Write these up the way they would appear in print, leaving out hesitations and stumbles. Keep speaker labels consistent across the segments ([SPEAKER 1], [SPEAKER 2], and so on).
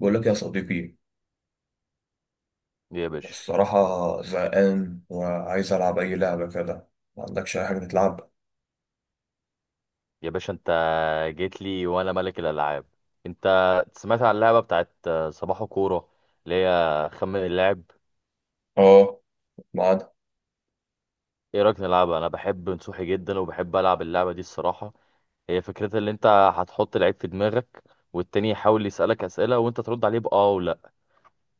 [SPEAKER 1] بقول لك يا صديقي،
[SPEAKER 2] يا باشا
[SPEAKER 1] الصراحة زهقان وعايز ألعب أي لعبة كده. ما عندكش أي حاجة تتلعب؟
[SPEAKER 2] يا باشا، انت جيت لي وانا ملك الالعاب. انت سمعت عن اللعبه بتاعت صباح كوره، اللي هي خمن اللاعب.
[SPEAKER 1] آه، معانا.
[SPEAKER 2] ايه رايك نلعبها؟ انا بحب نصوحي جدا وبحب العب اللعبه دي الصراحه. هي فكرتها اللي انت هتحط لعيب في دماغك، والتاني يحاول يسالك اسئله وانت ترد عليه باه ولا.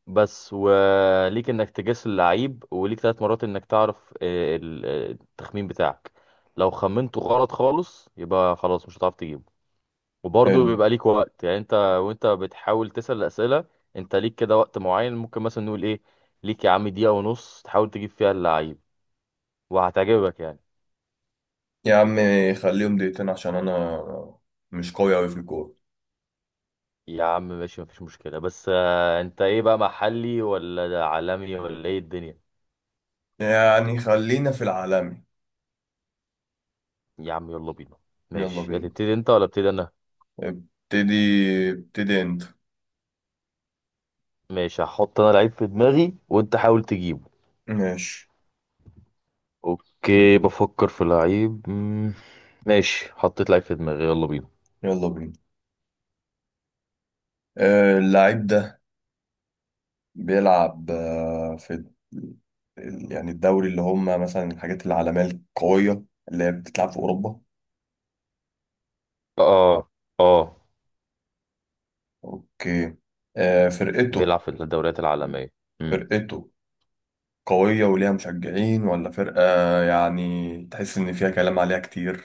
[SPEAKER 2] بس وليك انك تجس اللعيب، وليك 3 مرات انك تعرف التخمين بتاعك. لو خمنته غلط خالص يبقى خلاص مش هتعرف تجيبه. وبرضه
[SPEAKER 1] حلو.
[SPEAKER 2] بيبقى ليك وقت، يعني انت وانت بتحاول تسأل الأسئلة. انت ليك كده وقت معين، ممكن مثلا نقول ايه؟ ليك يا عم دقيقة ونص تحاول تجيب فيها اللعيب، وهتعجبك يعني.
[SPEAKER 1] يا عم، خليهم دقيقتين عشان أنا مش قوي أوي في الكورة.
[SPEAKER 2] يا عم ماشي، مفيش مشكلة، بس انت ايه بقى، محلي ولا ده عالمي ولا ايه الدنيا؟
[SPEAKER 1] يعني خلينا في العالمي.
[SPEAKER 2] يا عم يلا بينا.
[SPEAKER 1] يلا
[SPEAKER 2] ماشي،
[SPEAKER 1] بينا.
[SPEAKER 2] هتبتدي انت ولا ابتدي انا؟
[SPEAKER 1] ابتدي ابتدي أنت.
[SPEAKER 2] ماشي، هحط انا لعيب في دماغي وانت حاول تجيبه.
[SPEAKER 1] ماشي،
[SPEAKER 2] اوكي، بفكر في لعيب ماشي، حطيت لعيب في دماغي، يلا بينا.
[SPEAKER 1] يلا بينا. اللعيب ده بيلعب في ال- يعني الدوري اللي هم مثلا الحاجات العالمية القوية اللي هي بتتلعب في أوروبا.
[SPEAKER 2] اه، اه.
[SPEAKER 1] اوكي. فرقته،
[SPEAKER 2] بيلعب في الدوريات العالمية. امم
[SPEAKER 1] فرقته قوية وليها مشجعين، ولا فرقة يعني تحس إن فيها كلام عليها كتير؟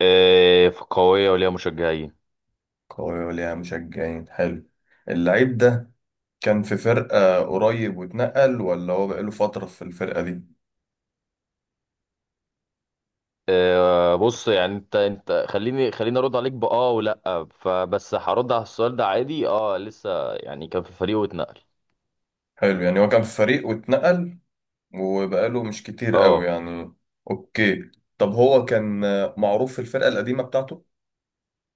[SPEAKER 2] آه، قوية وليها مشجعين.
[SPEAKER 1] قوية وليها مشجعين. حلو. اللعيب ده كان في فرقة قريب واتنقل، ولا هو بقاله فترة في الفرقة دي؟
[SPEAKER 2] آه، بص، يعني انت خليني خليني ارد عليك بآه ولا، فبس هرد على السؤال ده عادي. اه لسه، يعني كان في فريقه واتنقل.
[SPEAKER 1] حلو. يعني هو كان في فريق واتنقل، وبقاله مش كتير قوي
[SPEAKER 2] اه،
[SPEAKER 1] يعني. اوكي. طب هو كان معروف في الفرقة القديمة بتاعته؟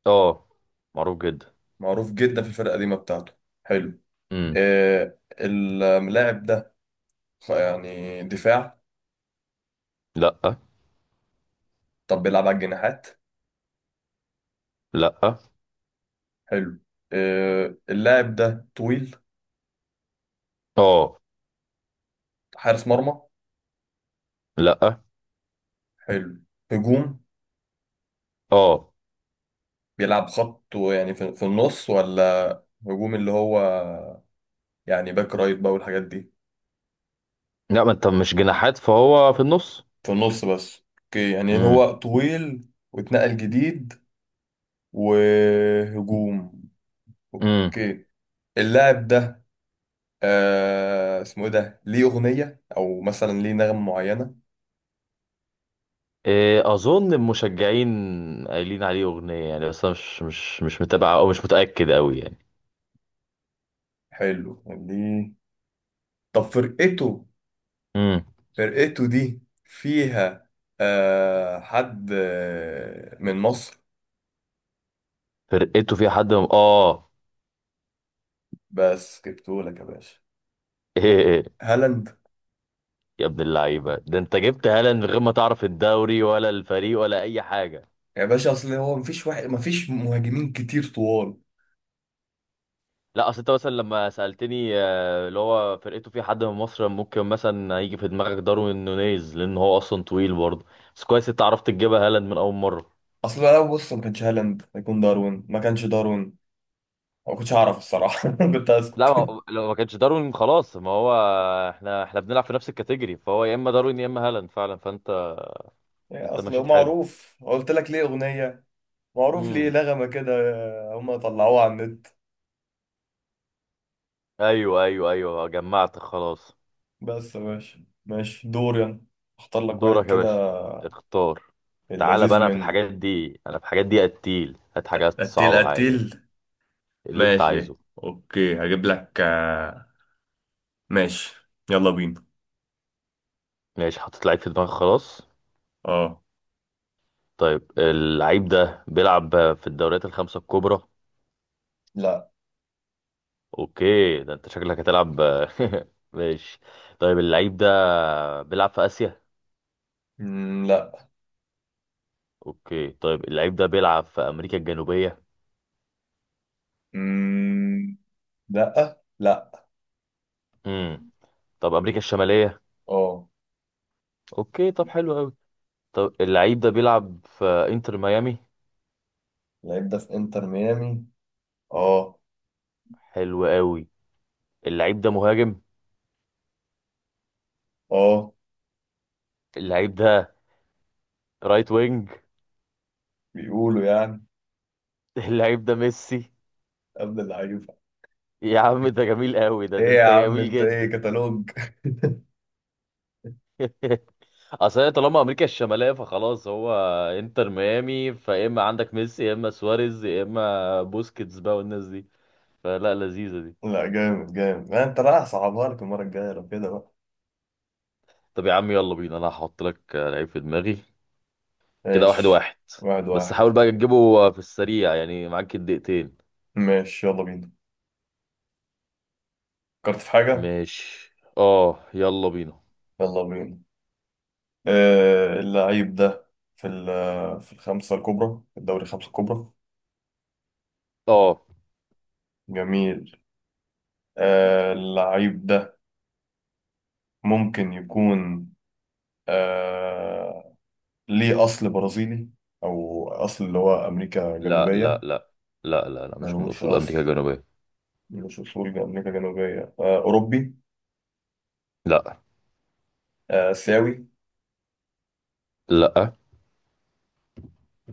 [SPEAKER 2] اه، معروف جدا.
[SPEAKER 1] معروف جدا في الفرقة القديمة بتاعته. حلو.
[SPEAKER 2] امم
[SPEAKER 1] اللاعب ده يعني دفاع؟
[SPEAKER 2] لا،
[SPEAKER 1] طب بيلعب على الجناحات؟
[SPEAKER 2] لا.
[SPEAKER 1] حلو. اللاعب ده طويل؟
[SPEAKER 2] اه.
[SPEAKER 1] حارس مرمى؟
[SPEAKER 2] لا.
[SPEAKER 1] حلو. هجوم؟
[SPEAKER 2] اه.
[SPEAKER 1] بيلعب خط يعني في النص، ولا هجوم اللي هو يعني باك رايت بقى والحاجات دي؟
[SPEAKER 2] لا، ما انت مش جناحات فهو في النص.
[SPEAKER 1] في النص بس. اوكي. يعني
[SPEAKER 2] امم
[SPEAKER 1] هو طويل واتنقل جديد، وهجوم.
[SPEAKER 2] امم
[SPEAKER 1] اوكي. اللاعب ده اسمه ايه؟ ده ليه اغنية او مثلا ليه نغمة معينة؟
[SPEAKER 2] اظن المشجعين قايلين عليه اغنية يعني، بس انا مش متابع او مش متأكد قوي يعني.
[SPEAKER 1] حلو ليه. طب فرقته،
[SPEAKER 2] مم.
[SPEAKER 1] فرقته دي فيها حد من مصر؟
[SPEAKER 2] فرقته فيها حد من... اه.
[SPEAKER 1] بس جبتهولك يا باشا.
[SPEAKER 2] ايه، إيه، إيه،
[SPEAKER 1] هالاند.
[SPEAKER 2] يا ابن اللعيبه ده، انت جبت هالاند من غير ما تعرف الدوري ولا الفريق ولا اي حاجه.
[SPEAKER 1] يا باشا، اصل هو مفيش واحد، مفيش مهاجمين كتير طوال.
[SPEAKER 2] لا، اصل انت مثلا لما سالتني اللي هو فرقته فيها حد من مصر، ممكن مثلا هيجي في دماغك داروين نونيز لان هو اصلا طويل برضه. بس كويس انت عرفت تجيبها هالاند من اول مره.
[SPEAKER 1] اصل لو بص، ما كانش هالاند هيكون داروين. ما كانش داروين ما كنتش اعرف الصراحه. كنت
[SPEAKER 2] لا
[SPEAKER 1] اسكت.
[SPEAKER 2] لو ما كانش داروين خلاص، ما هو احنا بنلعب في نفس الكاتيجوري، فهو يا اما داروين يا اما هالاند فعلا فانت.
[SPEAKER 1] يعني
[SPEAKER 2] انت
[SPEAKER 1] اصل هو
[SPEAKER 2] مشيت حلو.
[SPEAKER 1] معروف، قلت لك ليه اغنيه. معروف ليه
[SPEAKER 2] امم
[SPEAKER 1] نغمه كده. هم طلعوها على النت.
[SPEAKER 2] ايوه، ايوه، ايوه، جمعت خلاص.
[SPEAKER 1] بس يا باشا، ماشي، دوري أنا. اختار لك واحد
[SPEAKER 2] دورك يا
[SPEAKER 1] كده،
[SPEAKER 2] باشا، اختار. تعالى بقى،
[SPEAKER 1] اللذيذ
[SPEAKER 2] انا في
[SPEAKER 1] منه.
[SPEAKER 2] الحاجات دي انا في الحاجات دي قتيل، هات حاجات
[SPEAKER 1] قتيل
[SPEAKER 2] صعبة عادي،
[SPEAKER 1] قتيل.
[SPEAKER 2] اللي انت
[SPEAKER 1] ماشي.
[SPEAKER 2] عايزه.
[SPEAKER 1] اوكي، هجيب لك ماشي، يلا بينا.
[SPEAKER 2] ماشي، حطيت لعيب في دماغك خلاص.
[SPEAKER 1] اه.
[SPEAKER 2] طيب اللعيب ده بيلعب في الدوريات الخمسة الكبرى؟
[SPEAKER 1] لا.
[SPEAKER 2] اوكي، ده انت شكلك هتلعب. ماشي. طيب اللعيب ده بيلعب في آسيا؟
[SPEAKER 1] مم، لا.
[SPEAKER 2] اوكي، طيب اللعيب ده بيلعب في امريكا الجنوبية؟
[SPEAKER 1] مم، لا لا.
[SPEAKER 2] امم طب امريكا الشمالية؟
[SPEAKER 1] اه.
[SPEAKER 2] اوكي، طب حلو قوي. طب اللعيب ده بيلعب في انتر ميامي؟
[SPEAKER 1] اللعيب ده في انتر ميامي. اه.
[SPEAKER 2] حلو قوي. اللعيب ده مهاجم؟
[SPEAKER 1] اه.
[SPEAKER 2] اللعيب ده رايت وينج؟
[SPEAKER 1] بيقولوا يعني
[SPEAKER 2] اللعيب ده ميسي.
[SPEAKER 1] قبل اللعيبة.
[SPEAKER 2] يا عم ده جميل قوي، ده
[SPEAKER 1] ايه
[SPEAKER 2] ده
[SPEAKER 1] يا
[SPEAKER 2] انت
[SPEAKER 1] عم،
[SPEAKER 2] جميل
[SPEAKER 1] انت ايه،
[SPEAKER 2] جدا.
[SPEAKER 1] كتالوج!
[SPEAKER 2] اصل هي طالما امريكا الشماليه فخلاص، هو انتر ميامي، فيا اما عندك ميسي يا اما سواريز يا اما بوسكيتس بقى والناس دي، فلا لذيذه دي.
[SPEAKER 1] لا، جامد جامد. ما انت رايح صعبها لك المرة الجاية لو كده بقى.
[SPEAKER 2] طب يا عم يلا بينا، انا هحط لك لعيب في دماغي، كده واحد
[SPEAKER 1] ماشي.
[SPEAKER 2] واحد.
[SPEAKER 1] واحد
[SPEAKER 2] بس
[SPEAKER 1] واحد.
[SPEAKER 2] حاول بقى تجيبه في السريع يعني، معاك الدقيقتين.
[SPEAKER 1] ماشي يلا بينا. فكرت في حاجة.
[SPEAKER 2] ماشي، اه يلا بينا.
[SPEAKER 1] يلا بينا. اللعيب ده في الخمسة الكبرى، في الدوري الخمسة الكبرى.
[SPEAKER 2] اه.
[SPEAKER 1] جميل. اللعيب ده ممكن يكون آه، ليه أصل برازيلي، أو أصل اللي هو أمريكا
[SPEAKER 2] لا، لا،
[SPEAKER 1] الجنوبية؟
[SPEAKER 2] لا، لا، لا، لا، مش من
[SPEAKER 1] ملوش
[SPEAKER 2] اصول
[SPEAKER 1] أصل.
[SPEAKER 2] امريكا الجنوبيه.
[SPEAKER 1] ملوش أصول أمريكا الجنوبية. أوروبي؟
[SPEAKER 2] لا،
[SPEAKER 1] آسيوي؟
[SPEAKER 2] لا.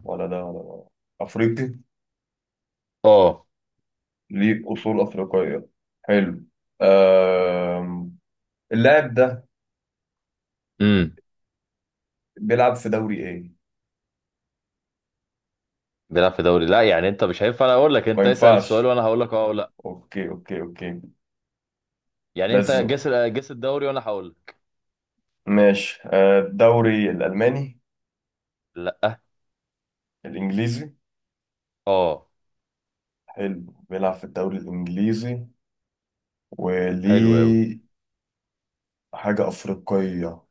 [SPEAKER 1] ولا ده ولا ده. أفريقي؟
[SPEAKER 2] اه.
[SPEAKER 1] ليه أصول أفريقية. حلو. آم، اللاعب ده
[SPEAKER 2] امم
[SPEAKER 1] بيلعب في دوري إيه؟
[SPEAKER 2] بيلعب في دوري، لا يعني انت مش هينفع انا اقول لك،
[SPEAKER 1] ما
[SPEAKER 2] انت اسال السؤال
[SPEAKER 1] ينفعش.
[SPEAKER 2] وانا هقول لك اه او لا.
[SPEAKER 1] اوكي اوكي اوكي.
[SPEAKER 2] يعني انت
[SPEAKER 1] لازم.
[SPEAKER 2] جس جس الدوري وانا هقول لك.
[SPEAKER 1] ماشي. الدوري الالماني؟
[SPEAKER 2] لا.
[SPEAKER 1] الانجليزي؟
[SPEAKER 2] اه.
[SPEAKER 1] حلو، بيلعب في الدوري الانجليزي.
[SPEAKER 2] حلو قوي.
[SPEAKER 1] وليه حاجه افريقيه.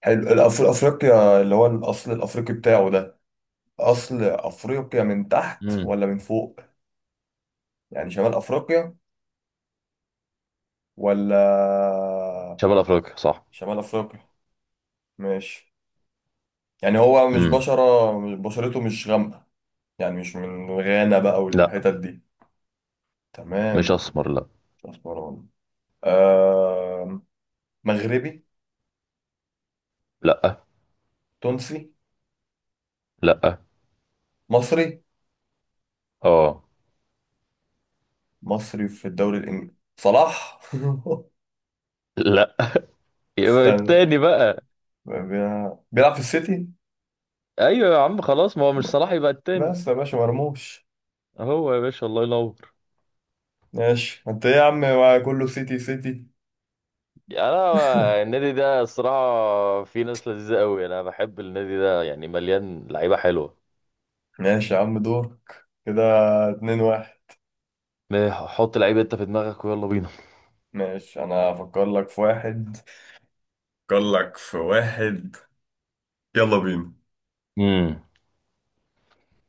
[SPEAKER 1] حلو. افريقيا اللي هو الاصل الافريقي بتاعه ده، اصل افريقيا من تحت
[SPEAKER 2] امم
[SPEAKER 1] ولا من فوق؟ يعني شمال افريقيا ولا؟
[SPEAKER 2] شمال افريقيا صح.
[SPEAKER 1] شمال افريقيا. ماشي. يعني هو مش
[SPEAKER 2] امم
[SPEAKER 1] بشره مش- بشرته مش غامقه. يعني مش من غانا بقى
[SPEAKER 2] لا،
[SPEAKER 1] والحتت دي.
[SPEAKER 2] مش
[SPEAKER 1] تمام.
[SPEAKER 2] اسمر لا.
[SPEAKER 1] مش أسمراني. آه مغربي؟
[SPEAKER 2] لا.
[SPEAKER 1] تونسي؟
[SPEAKER 2] لا.
[SPEAKER 1] مصري؟
[SPEAKER 2] اه.
[SPEAKER 1] مصري في الدوري الإنجليزي. صلاح؟
[SPEAKER 2] لا. يبقى
[SPEAKER 1] استنى.
[SPEAKER 2] التاني بقى.
[SPEAKER 1] بيلعب في السيتي.
[SPEAKER 2] ايوه يا عم، خلاص، ما هو مش صلاح يبقى التاني.
[SPEAKER 1] بس يا باشا، مرموش.
[SPEAKER 2] هو يا باشا، الله ينور.
[SPEAKER 1] ماشي. انت ايه يا عم، ما كله سيتي سيتي.
[SPEAKER 2] انا النادي ده الصراحه في ناس لذيذه قوي، انا بحب النادي ده يعني، مليان لعيبه حلوه.
[SPEAKER 1] ماشي يا عم، دورك كده. 2-1.
[SPEAKER 2] حط لعيب انت في دماغك ويلا بينا.
[SPEAKER 1] ماشي، انا افكر لك في واحد، افكر لك في واحد. يلا بينا.
[SPEAKER 2] امم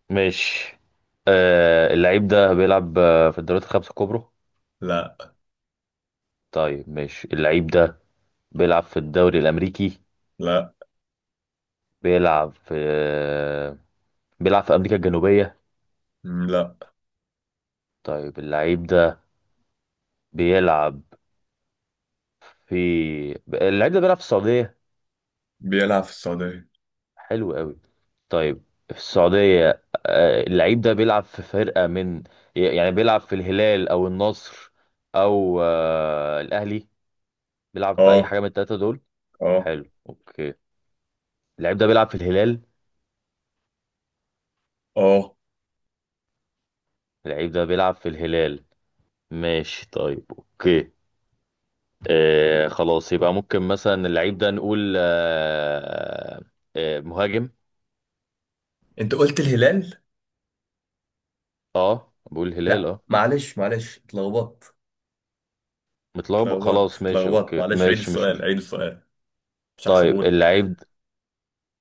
[SPEAKER 2] ماشي. آه، اللعيب ده بيلعب في الدوريات الخمسة الكبرى؟
[SPEAKER 1] لا.
[SPEAKER 2] طيب ماشي، اللعيب ده بيلعب في الدوري الأمريكي؟
[SPEAKER 1] لا.
[SPEAKER 2] بيلعب في آه بيلعب في أمريكا الجنوبية؟
[SPEAKER 1] لا.
[SPEAKER 2] طيب بيلعب في اللعيب ده بيلعب في السعودية؟
[SPEAKER 1] بيلعب في السعودية.
[SPEAKER 2] حلو قوي. طيب في السعودية، اللعيب ده بيلعب في فرقة من، يعني بيلعب في الهلال أو النصر أو الأهلي؟ بيلعب في أي
[SPEAKER 1] اه.
[SPEAKER 2] حاجة من التلاتة دول؟
[SPEAKER 1] اه.
[SPEAKER 2] حلو، اوكي. اللعيب ده بيلعب في الهلال.
[SPEAKER 1] اه.
[SPEAKER 2] اللعيب ده بيلعب في الهلال؟ ماشي طيب، اوكي. آه خلاص، يبقى ممكن مثلا اللعيب ده نقول مهاجم.
[SPEAKER 1] انت قلت الهلال.
[SPEAKER 2] اه، بقول هلال،
[SPEAKER 1] لا،
[SPEAKER 2] اه.
[SPEAKER 1] معلش معلش اتلخبطت.
[SPEAKER 2] متلخبط
[SPEAKER 1] اتلخبطت
[SPEAKER 2] خلاص، ماشي
[SPEAKER 1] اتلخبطت.
[SPEAKER 2] اوكي
[SPEAKER 1] معلش، عيد
[SPEAKER 2] ماشي مش
[SPEAKER 1] السؤال
[SPEAKER 2] مش
[SPEAKER 1] عيد السؤال. مش
[SPEAKER 2] طيب
[SPEAKER 1] هحسبهولك.
[SPEAKER 2] اللعيب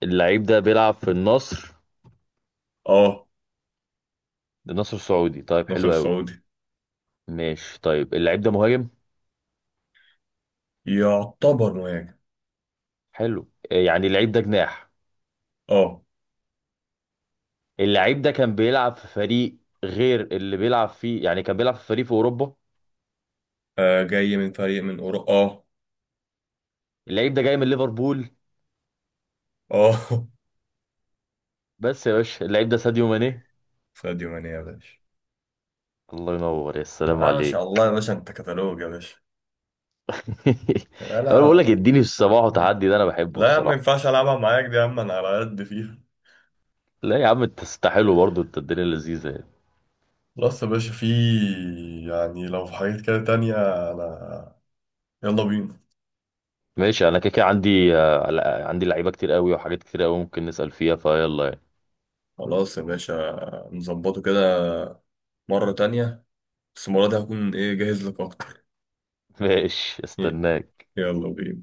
[SPEAKER 2] اللعيب ده بيلعب في النصر.
[SPEAKER 1] اه.
[SPEAKER 2] النصر السعودي، طيب
[SPEAKER 1] ناصر
[SPEAKER 2] حلو قوي.
[SPEAKER 1] السعودي.
[SPEAKER 2] ماشي، طيب اللعيب ده مهاجم.
[SPEAKER 1] يعتبر مهاجم.
[SPEAKER 2] حلو، يعني اللعيب ده جناح.
[SPEAKER 1] اه.
[SPEAKER 2] اللعيب ده كان بيلعب في فريق غير اللي بيلعب فيه، يعني كان بيلعب في فريق في اوروبا.
[SPEAKER 1] جاي من فريق من اوروبا، اه.
[SPEAKER 2] اللعيب ده جاي من ليفربول.
[SPEAKER 1] اه.
[SPEAKER 2] بس يا باشا، اللعيب ده ساديو ماني.
[SPEAKER 1] ساديو ماني يا باشا.
[SPEAKER 2] الله ينور، يا سلام
[SPEAKER 1] لا، ما شاء
[SPEAKER 2] عليك.
[SPEAKER 1] الله يا باشا، انت كتالوج يا باشا. يبقى
[SPEAKER 2] انا بقول لك
[SPEAKER 1] لا.
[SPEAKER 2] اديني الصباح وتحدي ده انا بحبه
[SPEAKER 1] لا يا عم، ما
[SPEAKER 2] الصراحه.
[SPEAKER 1] ينفعش العبها معاك دي يا عم، انا على قد فيها.
[SPEAKER 2] لا يا عم، انت تستحلو برضه، انت الدنيا لذيذه يعني.
[SPEAKER 1] خلاص يا باشا، في، يعني لو في حاجات كده تانية، انا، يلا بينا.
[SPEAKER 2] ماشي، انا كده كده عندي لعيبه كتير قوي وحاجات كتير قوي، ممكن نسال فيها فيلا يعني.
[SPEAKER 1] خلاص يا باشا، نظبطه كده مرة تانية. بس المرة دي هكون إيه جاهز لك أكتر.
[SPEAKER 2] ماشي، استناك.
[SPEAKER 1] يلا بينا.